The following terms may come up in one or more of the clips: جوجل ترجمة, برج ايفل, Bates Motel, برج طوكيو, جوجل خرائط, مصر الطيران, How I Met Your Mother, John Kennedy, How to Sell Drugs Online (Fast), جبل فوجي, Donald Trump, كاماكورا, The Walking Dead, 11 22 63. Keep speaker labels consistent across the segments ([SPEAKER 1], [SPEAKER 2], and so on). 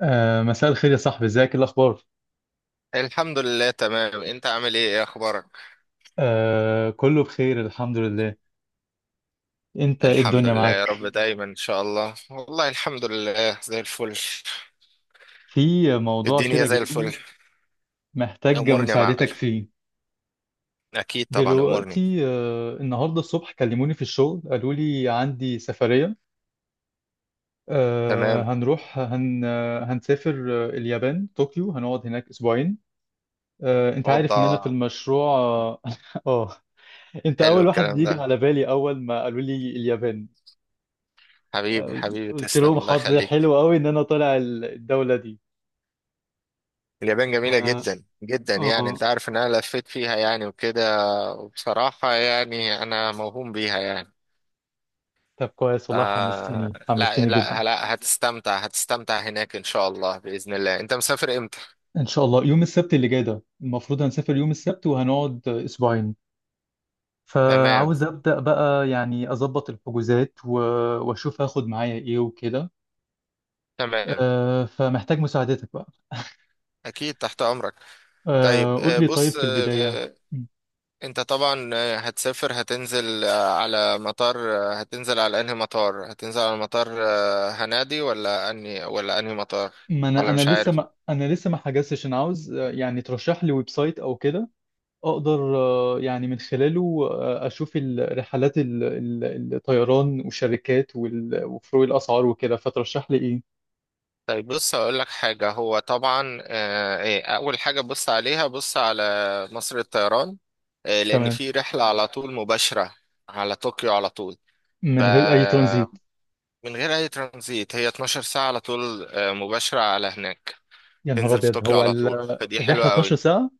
[SPEAKER 1] مساء الخير يا صاحبي، ازيك؟ إيه الاخبار؟
[SPEAKER 2] الحمد لله، تمام. انت عامل ايه اخبارك؟
[SPEAKER 1] كله بخير الحمد لله. انت إيه
[SPEAKER 2] الحمد
[SPEAKER 1] الدنيا
[SPEAKER 2] لله يا رب
[SPEAKER 1] معاك؟
[SPEAKER 2] دايما ان شاء الله. والله الحمد لله زي الفل.
[SPEAKER 1] في موضوع
[SPEAKER 2] الدنيا
[SPEAKER 1] كده
[SPEAKER 2] زي الفل.
[SPEAKER 1] جالي محتاج
[SPEAKER 2] امورني يا معلم.
[SPEAKER 1] مساعدتك فيه.
[SPEAKER 2] اكيد طبعا امورني.
[SPEAKER 1] دلوقتي النهارده الصبح كلموني في الشغل قالوا لي عندي سفرية.
[SPEAKER 2] تمام.
[SPEAKER 1] هنروح هن آه، هنسافر اليابان طوكيو، هنقعد هناك اسبوعين. انت عارف
[SPEAKER 2] اوضه.
[SPEAKER 1] ان انا في المشروع آه، انت
[SPEAKER 2] حلو
[SPEAKER 1] اول واحد
[SPEAKER 2] الكلام
[SPEAKER 1] يجي
[SPEAKER 2] ده.
[SPEAKER 1] على بالي اول ما قالوا لي اليابان.
[SPEAKER 2] حبيبي حبيبي،
[SPEAKER 1] قلت لهم
[SPEAKER 2] تسلم، الله
[SPEAKER 1] حظي
[SPEAKER 2] يخليك.
[SPEAKER 1] حلو قوي ان انا طالع الدولة دي.
[SPEAKER 2] اليابان جميله
[SPEAKER 1] اه
[SPEAKER 2] جدا جدا، يعني انت
[SPEAKER 1] آه.
[SPEAKER 2] عارف ان انا لفيت فيها يعني وكده. وبصراحه يعني انا موهوم بيها يعني.
[SPEAKER 1] طب كويس والله،
[SPEAKER 2] آه،
[SPEAKER 1] حمستني
[SPEAKER 2] لا
[SPEAKER 1] حمستني جدا.
[SPEAKER 2] لا لا، هتستمتع هتستمتع هناك ان شاء الله باذن الله. انت مسافر امتى؟
[SPEAKER 1] ان شاء الله يوم السبت اللي جاي ده المفروض هنسافر يوم السبت وهنقعد اسبوعين.
[SPEAKER 2] تمام.
[SPEAKER 1] فعاوز ابدا بقى، يعني اظبط الحجوزات واشوف هاخد معايا ايه وكده.
[SPEAKER 2] تمام.
[SPEAKER 1] فمحتاج مساعدتك بقى.
[SPEAKER 2] أكيد تحت أمرك. طيب،
[SPEAKER 1] قول لي، طيب
[SPEAKER 2] بص،
[SPEAKER 1] في البداية
[SPEAKER 2] أنت طبعا هتسافر، هتنزل على مطار، هتنزل على أنهي مطار، هتنزل على مطار، هنادي ولا أنهي ولا أنهي مطار؟
[SPEAKER 1] ما انا
[SPEAKER 2] ولا
[SPEAKER 1] انا
[SPEAKER 2] مش
[SPEAKER 1] لسه
[SPEAKER 2] عارف.
[SPEAKER 1] ما انا لسه ما حجزتش، انا عاوز يعني ترشح لي ويب سايت او كده اقدر يعني من خلاله اشوف الرحلات الطيران والشركات وفروق الاسعار وكده. فترشح لي ايه؟
[SPEAKER 2] طيب بص هقول لك حاجة. هو طبعا أول حاجة بص عليها، بص على مصر الطيران. لأن
[SPEAKER 1] تمام،
[SPEAKER 2] في رحلة على طول مباشرة على طوكيو على طول،
[SPEAKER 1] من غير اي ترانزيت.
[SPEAKER 2] فمن غير أي ترانزيت. هي 12 ساعة على طول، مباشرة على هناك.
[SPEAKER 1] يا نهار
[SPEAKER 2] تنزل في
[SPEAKER 1] ابيض،
[SPEAKER 2] طوكيو
[SPEAKER 1] هو
[SPEAKER 2] على طول، فدي
[SPEAKER 1] الرحله
[SPEAKER 2] حلوة قوي.
[SPEAKER 1] 12 ساعه؟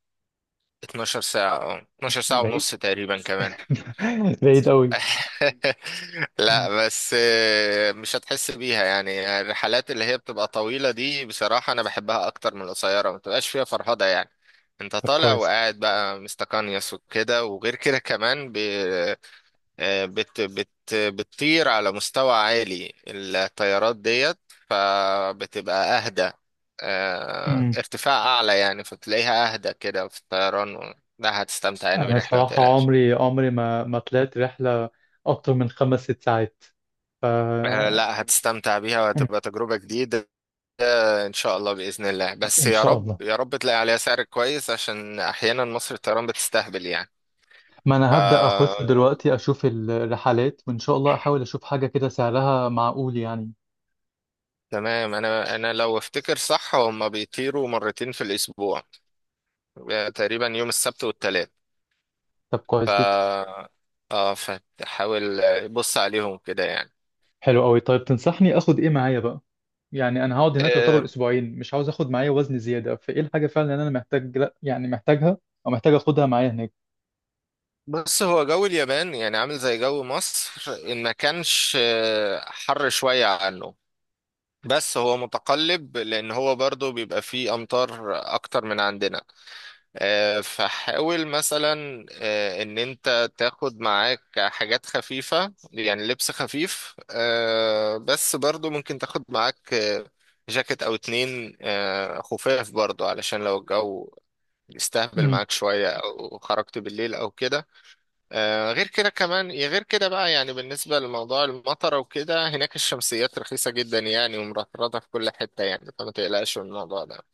[SPEAKER 2] 12 ساعة، 12 ساعة
[SPEAKER 1] بعيد.
[SPEAKER 2] ونص تقريبا كمان.
[SPEAKER 1] بعيد قوي.
[SPEAKER 2] لا بس، مش هتحس بيها. يعني الرحلات اللي هي بتبقى طويلة دي بصراحة أنا بحبها أكتر من القصيرة، ما بتبقاش فيها فرهدة يعني. أنت
[SPEAKER 1] طب
[SPEAKER 2] طالع
[SPEAKER 1] كويس.
[SPEAKER 2] وقاعد بقى مستقنيس وكده. وغير كده كمان، بت بت بتطير على مستوى عالي، الطيارات ديت. فبتبقى أهدى،
[SPEAKER 1] مم.
[SPEAKER 2] ارتفاع أعلى يعني، فتلاقيها أهدى كده في الطيران، لا هتستمتع يعني
[SPEAKER 1] انا
[SPEAKER 2] بالرحلة، ما
[SPEAKER 1] الصراحه
[SPEAKER 2] تقلقش.
[SPEAKER 1] عمري عمري ما طلعت رحله اكتر من خمس ست ساعات. ف
[SPEAKER 2] لا هتستمتع بيها،
[SPEAKER 1] مم.
[SPEAKER 2] وهتبقى تجربة جديدة. إن شاء الله بإذن الله، بس
[SPEAKER 1] ان
[SPEAKER 2] يا
[SPEAKER 1] شاء الله.
[SPEAKER 2] رب يا رب تلاقي عليها سعر كويس، عشان أحيانا مصر الطيران بتستهبل يعني.
[SPEAKER 1] ما
[SPEAKER 2] ف
[SPEAKER 1] انا هبدأ اخش دلوقتي اشوف الرحلات، وان شاء الله احاول اشوف حاجة كده سعرها معقول يعني.
[SPEAKER 2] تمام، انا لو افتكر صح هما بيطيروا مرتين في الاسبوع، تقريبا يوم السبت والثلاث.
[SPEAKER 1] طب
[SPEAKER 2] ف
[SPEAKER 1] كويس جدا.
[SPEAKER 2] اه فتحاول بص عليهم كده يعني.
[SPEAKER 1] حلو قوي. طيب تنصحني اخد ايه معايا بقى؟ يعني انا هقعد هناك يعتبر
[SPEAKER 2] آه،
[SPEAKER 1] اسبوعين، مش عاوز اخد معايا وزن زيادة، فايه الحاجة فعلا اللي انا محتاج، لا يعني محتاجها او محتاج اخدها معايا هناك؟
[SPEAKER 2] بص، هو جو اليابان يعني عامل زي جو مصر، ان ما كانش حر شوية عنه. بس هو متقلب لان هو برضو بيبقى فيه امطار اكتر من عندنا. فحاول مثلا ان انت تاخد معاك حاجات خفيفة، يعني لبس خفيف، بس برضو ممكن تاخد معاك جاكيت او اتنين خفاف، برضو علشان لو الجو يستهبل
[SPEAKER 1] امم.
[SPEAKER 2] معاك شوية أو خرجت بالليل أو كده. غير كده كمان، يا غير كده بقى يعني، بالنسبة لموضوع المطر وكده، هناك الشمسيات رخيصة جدا يعني، ومرطرطة في كل حتة يعني، فما تقلقش من الموضوع ده.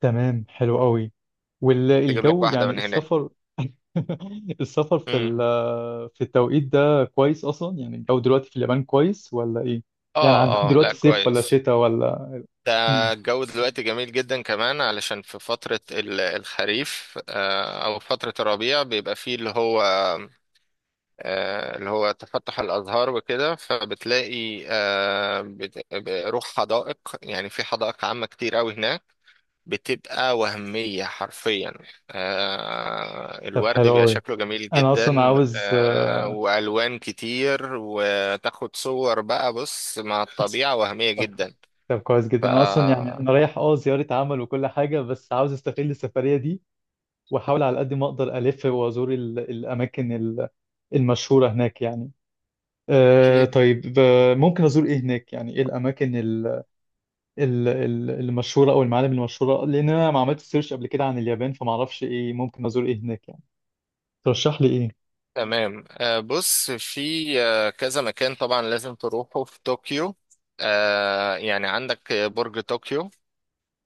[SPEAKER 1] تمام، حلو قوي.
[SPEAKER 2] تجيب لك
[SPEAKER 1] والجو يعني،
[SPEAKER 2] واحدة من
[SPEAKER 1] السفر السفر في
[SPEAKER 2] هناك.
[SPEAKER 1] في التوقيت ده كويس اصلا؟ يعني الجو دلوقتي في اليابان كويس ولا ايه؟ يعني
[SPEAKER 2] اه،
[SPEAKER 1] عندهم
[SPEAKER 2] اه، لا
[SPEAKER 1] دلوقتي صيف ولا
[SPEAKER 2] كويس.
[SPEAKER 1] شتاء ولا؟
[SPEAKER 2] ده الجو دلوقتي جميل جدا كمان، علشان في فترة الخريف، او فترة الربيع، بيبقى فيه اللي هو، تفتح الازهار وكده. فبتلاقي روح حدائق، يعني في حدائق عامة كتير قوي هناك. بتبقى وهمية حرفيا.
[SPEAKER 1] طب
[SPEAKER 2] الورد
[SPEAKER 1] حلو
[SPEAKER 2] بيبقى
[SPEAKER 1] قوي.
[SPEAKER 2] شكله جميل
[SPEAKER 1] انا اصلا
[SPEAKER 2] جدا.
[SPEAKER 1] عاوز
[SPEAKER 2] والوان كتير، وتاخد صور بقى بص مع الطبيعة، وهمية
[SPEAKER 1] طب
[SPEAKER 2] جدا.
[SPEAKER 1] طب كويس جدا. انا اصلا يعني،
[SPEAKER 2] فأكيد.
[SPEAKER 1] انا رايح زياره عمل وكل حاجه، بس عاوز استغل السفريه دي واحاول على قد ما اقدر الف وازور الاماكن المشهوره هناك يعني. أه طيب ممكن ازور ايه هناك؟ يعني ايه الاماكن المشهوره او المعالم المشهوره؟ لان انا ما عملتش سيرش قبل كده عن اليابان فما اعرفش ايه ممكن ازور ايه هناك يعني. ترشح لي ايه؟
[SPEAKER 2] تمام. بص، في كذا مكان طبعا لازم تروحه في طوكيو. يعني عندك برج طوكيو،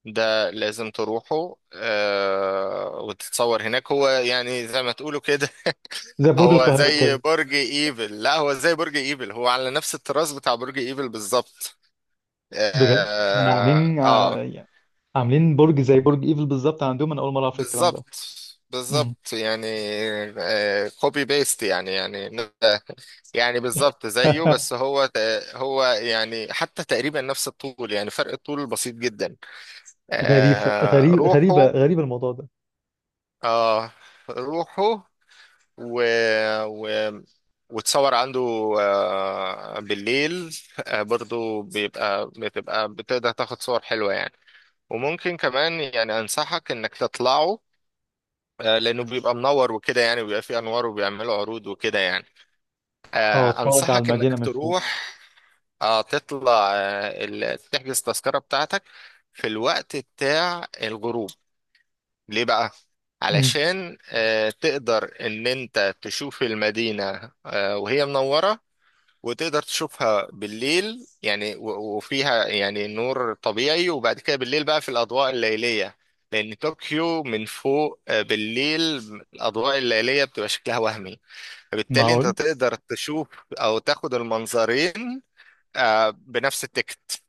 [SPEAKER 2] ده لازم تروحه، وتتصور هناك. هو يعني زي ما تقولوا كده.
[SPEAKER 1] زي برج
[SPEAKER 2] هو
[SPEAKER 1] القاهره
[SPEAKER 2] زي
[SPEAKER 1] كده؟
[SPEAKER 2] برج ايفل، لا هو زي برج ايفل. هو على نفس الطراز بتاع برج ايفل بالظبط.
[SPEAKER 1] بجد
[SPEAKER 2] اه
[SPEAKER 1] انا
[SPEAKER 2] آه،
[SPEAKER 1] عاملين
[SPEAKER 2] آه،
[SPEAKER 1] عاملين برج زي برج ايفل بالظبط عندهم؟ انا اول مره اعرف الكلام ده.
[SPEAKER 2] بالظبط.
[SPEAKER 1] امم.
[SPEAKER 2] بالظبط يعني. آه، كوبي بيست يعني بالظبط زيه. بس هو هو يعني حتى تقريبا نفس الطول، يعني فرق الطول بسيط جدا.
[SPEAKER 1] غريبه، غريب، غريبه
[SPEAKER 2] روحه
[SPEAKER 1] غريبه الموضوع ده.
[SPEAKER 2] آه روحه، و, و وتصور عنده بالليل. برضو بيبقى بتبقى بتقدر تاخد صور حلوة يعني. وممكن كمان يعني أنصحك إنك تطلعه، لأنه بيبقى منور وكده، يعني بيبقى فيه أنوار وبيعملوا عروض وكده يعني.
[SPEAKER 1] اه، اتفرج على
[SPEAKER 2] أنصحك إنك
[SPEAKER 1] المدينه من فوق.
[SPEAKER 2] تروح. اه، تطلع تحجز التذكرة بتاعتك في الوقت بتاع الغروب. ليه بقى؟
[SPEAKER 1] امم.
[SPEAKER 2] علشان تقدر ان انت تشوف المدينة وهي منورة، وتقدر تشوفها بالليل، يعني وفيها يعني نور طبيعي، وبعد كده بالليل بقى في الأضواء الليلية. لأن طوكيو من فوق بالليل، الأضواء الليلية بتبقى شكلها وهمي. فبالتالي انت
[SPEAKER 1] معقول.
[SPEAKER 2] تقدر تشوف أو تاخد المنظرين بنفس التكت.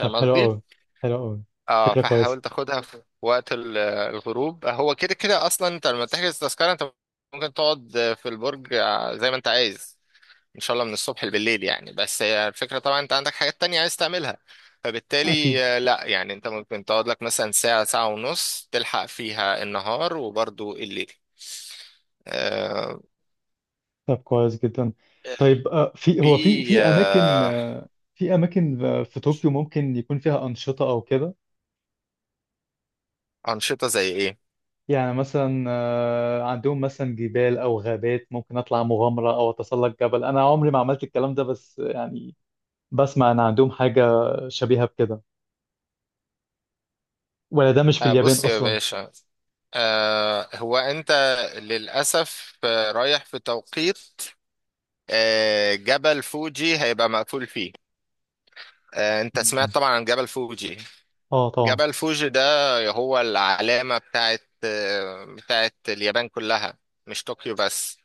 [SPEAKER 1] طب حلو
[SPEAKER 2] قصدي؟
[SPEAKER 1] قوي، حلو قوي،
[SPEAKER 2] اه،
[SPEAKER 1] فكره كويسه.
[SPEAKER 2] فحاول تاخدها في وقت الغروب. هو كده كده اصلا انت لما تحجز تذكرة، انت ممكن تقعد في البرج زي ما انت عايز، ان شاء الله من الصبح بالليل يعني. بس هي الفكرة طبعا انت عندك حاجات تانية عايز تعملها،
[SPEAKER 1] اكيد.
[SPEAKER 2] فبالتالي لا يعني انت ممكن تقعد لك مثلا ساعة ساعة ونص، تلحق فيها النهار وبرضو الليل. آه،
[SPEAKER 1] طب كويس جدا. طيب في
[SPEAKER 2] في
[SPEAKER 1] هو في في اماكن، في اماكن في طوكيو ممكن يكون فيها انشطه او كده؟
[SPEAKER 2] أنشطة زي ايه؟
[SPEAKER 1] يعني مثلا عندهم مثلا جبال او غابات ممكن اطلع مغامره او اتسلق جبل؟ انا عمري ما عملت الكلام ده بس يعني بسمع ان عندهم حاجه شبيهه بكده، ولا ده مش في اليابان
[SPEAKER 2] بص يا
[SPEAKER 1] اصلا؟
[SPEAKER 2] باشا، هو انت للاسف رايح في توقيت جبل فوجي هيبقى مقفول فيه. انت
[SPEAKER 1] مم.
[SPEAKER 2] سمعت طبعا عن جبل فوجي.
[SPEAKER 1] اه طبعا.
[SPEAKER 2] جبل فوجي ده هو العلامة بتاعت اليابان كلها، مش طوكيو بس.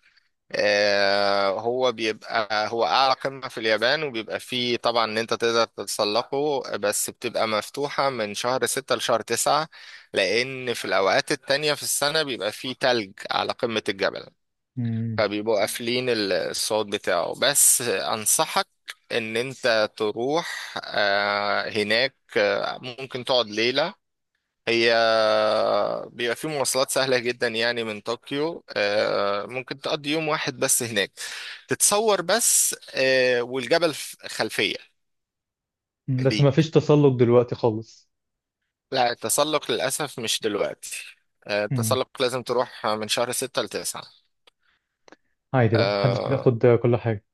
[SPEAKER 2] هو أعلى قمة في اليابان، وبيبقى فيه طبعا إن أنت تقدر تتسلقه، بس بتبقى مفتوحة من شهر ستة لشهر تسعة. لأن في الأوقات التانية في السنة بيبقى فيه تلج على قمة الجبل،
[SPEAKER 1] مم.
[SPEAKER 2] فبيبقوا قافلين الصوت بتاعه. بس أنصحك إن أنت تروح هناك، ممكن تقعد ليلة. هي بيبقى في مواصلات سهلة جدا يعني من طوكيو، ممكن تقضي يوم واحد بس هناك، تتصور بس والجبل خلفية
[SPEAKER 1] مم، بس ما
[SPEAKER 2] ليك.
[SPEAKER 1] فيش تسلق دلوقتي خالص؟
[SPEAKER 2] لا التسلق للأسف مش دلوقتي،
[SPEAKER 1] مم.
[SPEAKER 2] التسلق لازم تروح من شهر ستة لتسعة.
[SPEAKER 1] عادي بقى، محدش
[SPEAKER 2] آه،
[SPEAKER 1] بياخد كل حاجه.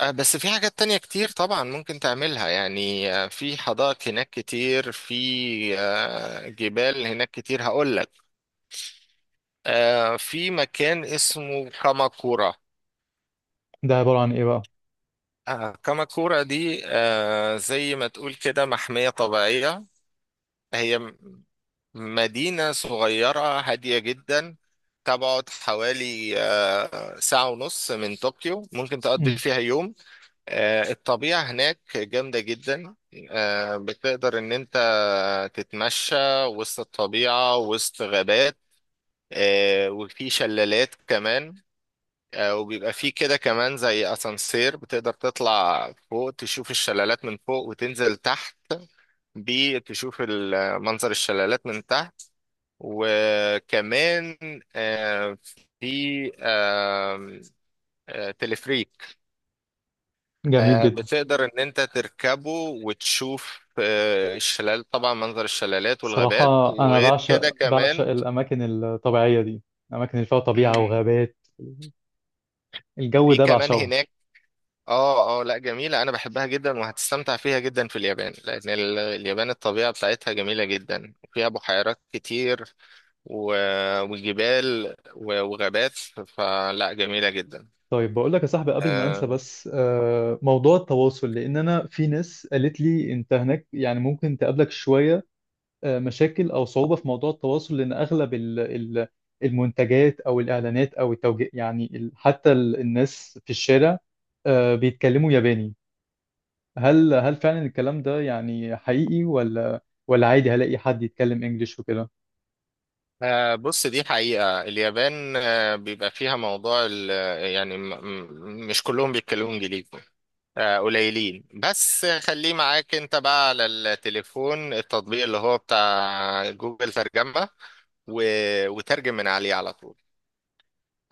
[SPEAKER 2] بس في حاجات تانية كتير طبعا ممكن تعملها يعني. في حدائق هناك كتير، في جبال هناك كتير. هقول لك في مكان اسمه كاماكورا.
[SPEAKER 1] ده عباره عن ايه بقى؟
[SPEAKER 2] كاماكورا دي زي ما تقول كده محمية طبيعية. هي مدينة صغيرة هادية جدا، تبعد حوالي ساعة ونص من طوكيو. ممكن تقضي
[SPEAKER 1] مم.
[SPEAKER 2] فيها يوم. الطبيعة هناك جامدة جدا. بتقدر إن أنت تتمشى وسط الطبيعة، وسط غابات. وفي شلالات كمان. وبيبقى فيه كده كمان زي اسانسير، بتقدر تطلع فوق تشوف الشلالات من فوق، وتنزل تحت بيه تشوف منظر الشلالات من تحت. وكمان آه، في تلفريك.
[SPEAKER 1] جميل جدا.
[SPEAKER 2] بتقدر ان انت تركبه، وتشوف الشلال طبعا، منظر الشلالات
[SPEAKER 1] صراحه
[SPEAKER 2] والغابات
[SPEAKER 1] انا
[SPEAKER 2] وغير كده
[SPEAKER 1] بعشق، بعشق
[SPEAKER 2] كمان.
[SPEAKER 1] الاماكن الطبيعيه دي، الاماكن اللي فيها طبيعه
[SPEAKER 2] مم،
[SPEAKER 1] وغابات. الجو
[SPEAKER 2] في
[SPEAKER 1] ده
[SPEAKER 2] كمان
[SPEAKER 1] بعشقه.
[SPEAKER 2] هناك. اه، اه، لا جميلة. انا بحبها جدا، وهتستمتع فيها جدا في اليابان، لان اليابان الطبيعة بتاعتها جميلة جدا، وفيها بحيرات كتير، و... وجبال، وغابات، فلا جميلة جدا.
[SPEAKER 1] طيب بقول لك يا صاحبي قبل ما انسى
[SPEAKER 2] آه
[SPEAKER 1] بس، موضوع التواصل، لان انا في ناس قالت لي انت هناك يعني ممكن تقابلك شويه مشاكل او صعوبه في موضوع التواصل، لان اغلب المنتجات او الاعلانات او التوجيه يعني حتى الناس في الشارع بيتكلموا ياباني. هل فعلا الكلام ده يعني حقيقي، ولا ولا عادي هلاقي حد يتكلم انجليش وكده؟
[SPEAKER 2] بص دي حقيقة اليابان، بيبقى فيها موضوع يعني مش كلهم بيتكلموا انجليزي. قليلين، بس خليه معاك انت بقى على التليفون التطبيق اللي هو بتاع جوجل ترجمة، و... وترجم من عليه على طول.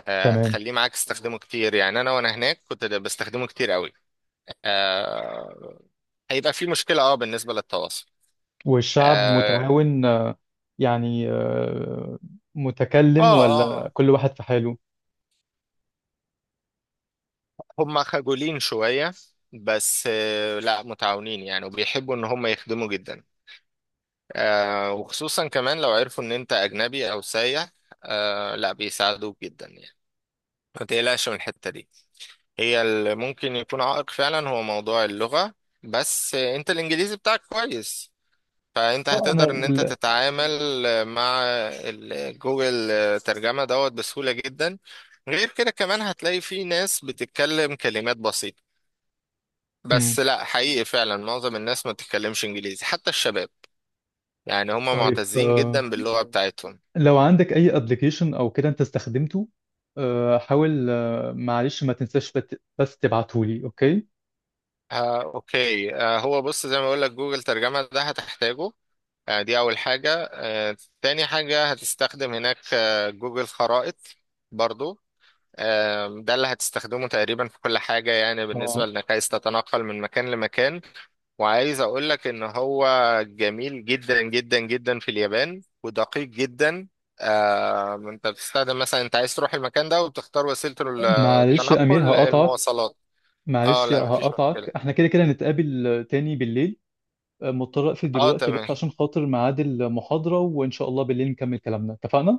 [SPEAKER 1] تمام.
[SPEAKER 2] تخليه معاك تستخدمه كتير يعني. انا وانا هناك كنت بستخدمه كتير قوي. آه، هيبقى في مشكلة بالنسبة للتواصل.
[SPEAKER 1] والشعب
[SPEAKER 2] اه،
[SPEAKER 1] متعاون يعني
[SPEAKER 2] اه،
[SPEAKER 1] متكلم ولا
[SPEAKER 2] آه،
[SPEAKER 1] كل واحد في حاله؟
[SPEAKER 2] هم خجولين شوية. بس لا متعاونين يعني، وبيحبوا ان هم يخدموا جدا. وخصوصا كمان لو عرفوا ان انت اجنبي او سايح، لا بيساعدوك جدا يعني. ما تقلقش من الحتة دي. هي اللي ممكن يكون عائق فعلا هو موضوع اللغة. بس انت الانجليزي بتاعك كويس، فانت
[SPEAKER 1] اه انا
[SPEAKER 2] هتقدر ان انت تتعامل مع جوجل ترجمة دوت بسهولة جدا. غير كده كمان هتلاقي في ناس بتتكلم كلمات بسيطة.
[SPEAKER 1] مم.
[SPEAKER 2] بس لا حقيقي فعلا معظم الناس ما بتتكلمش انجليزي حتى الشباب، يعني هم
[SPEAKER 1] طيب
[SPEAKER 2] معتزين جدا باللغة بتاعتهم.
[SPEAKER 1] لو عندك اي ابلكيشن او كده انت استخدمته، حاول معلش ما تنساش بس تبعته لي، اوكي؟
[SPEAKER 2] آه، اوكي. آه، هو بص زي ما بقول لك جوجل ترجمة ده هتحتاجه. آه، دي اول حاجة. آه، تاني حاجة هتستخدم هناك آه جوجل خرائط برضو. آم، ده اللي هتستخدمه تقريبا في كل حاجة، يعني بالنسبة
[SPEAKER 1] اه.
[SPEAKER 2] لانك عايز تتنقل من مكان لمكان. وعايز اقولك ان هو جميل جدا جدا جدا في اليابان ودقيق جدا. آم، انت بتستخدم مثلا انت عايز تروح المكان ده وبتختار وسيلة
[SPEAKER 1] معلش يا امير
[SPEAKER 2] التنقل
[SPEAKER 1] هقطعك،
[SPEAKER 2] المواصلات. اه،
[SPEAKER 1] معلش
[SPEAKER 2] لا مفيش
[SPEAKER 1] هقطعك،
[SPEAKER 2] مشكلة.
[SPEAKER 1] احنا كده كده نتقابل تاني بالليل، مضطر اقفل
[SPEAKER 2] اه
[SPEAKER 1] دلوقتي بس
[SPEAKER 2] تمام،
[SPEAKER 1] عشان خاطر ميعاد المحاضرة، وان شاء الله بالليل نكمل كلامنا، اتفقنا؟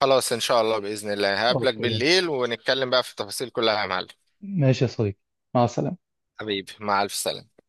[SPEAKER 2] خلاص ان شاء الله بإذن الله هقابلك
[SPEAKER 1] اوكي.
[SPEAKER 2] بالليل، ونتكلم بقى في التفاصيل كلها يا معلم.
[SPEAKER 1] ماشي يا صديقي، مع السلامة.
[SPEAKER 2] حبيبي مع الف سلامة.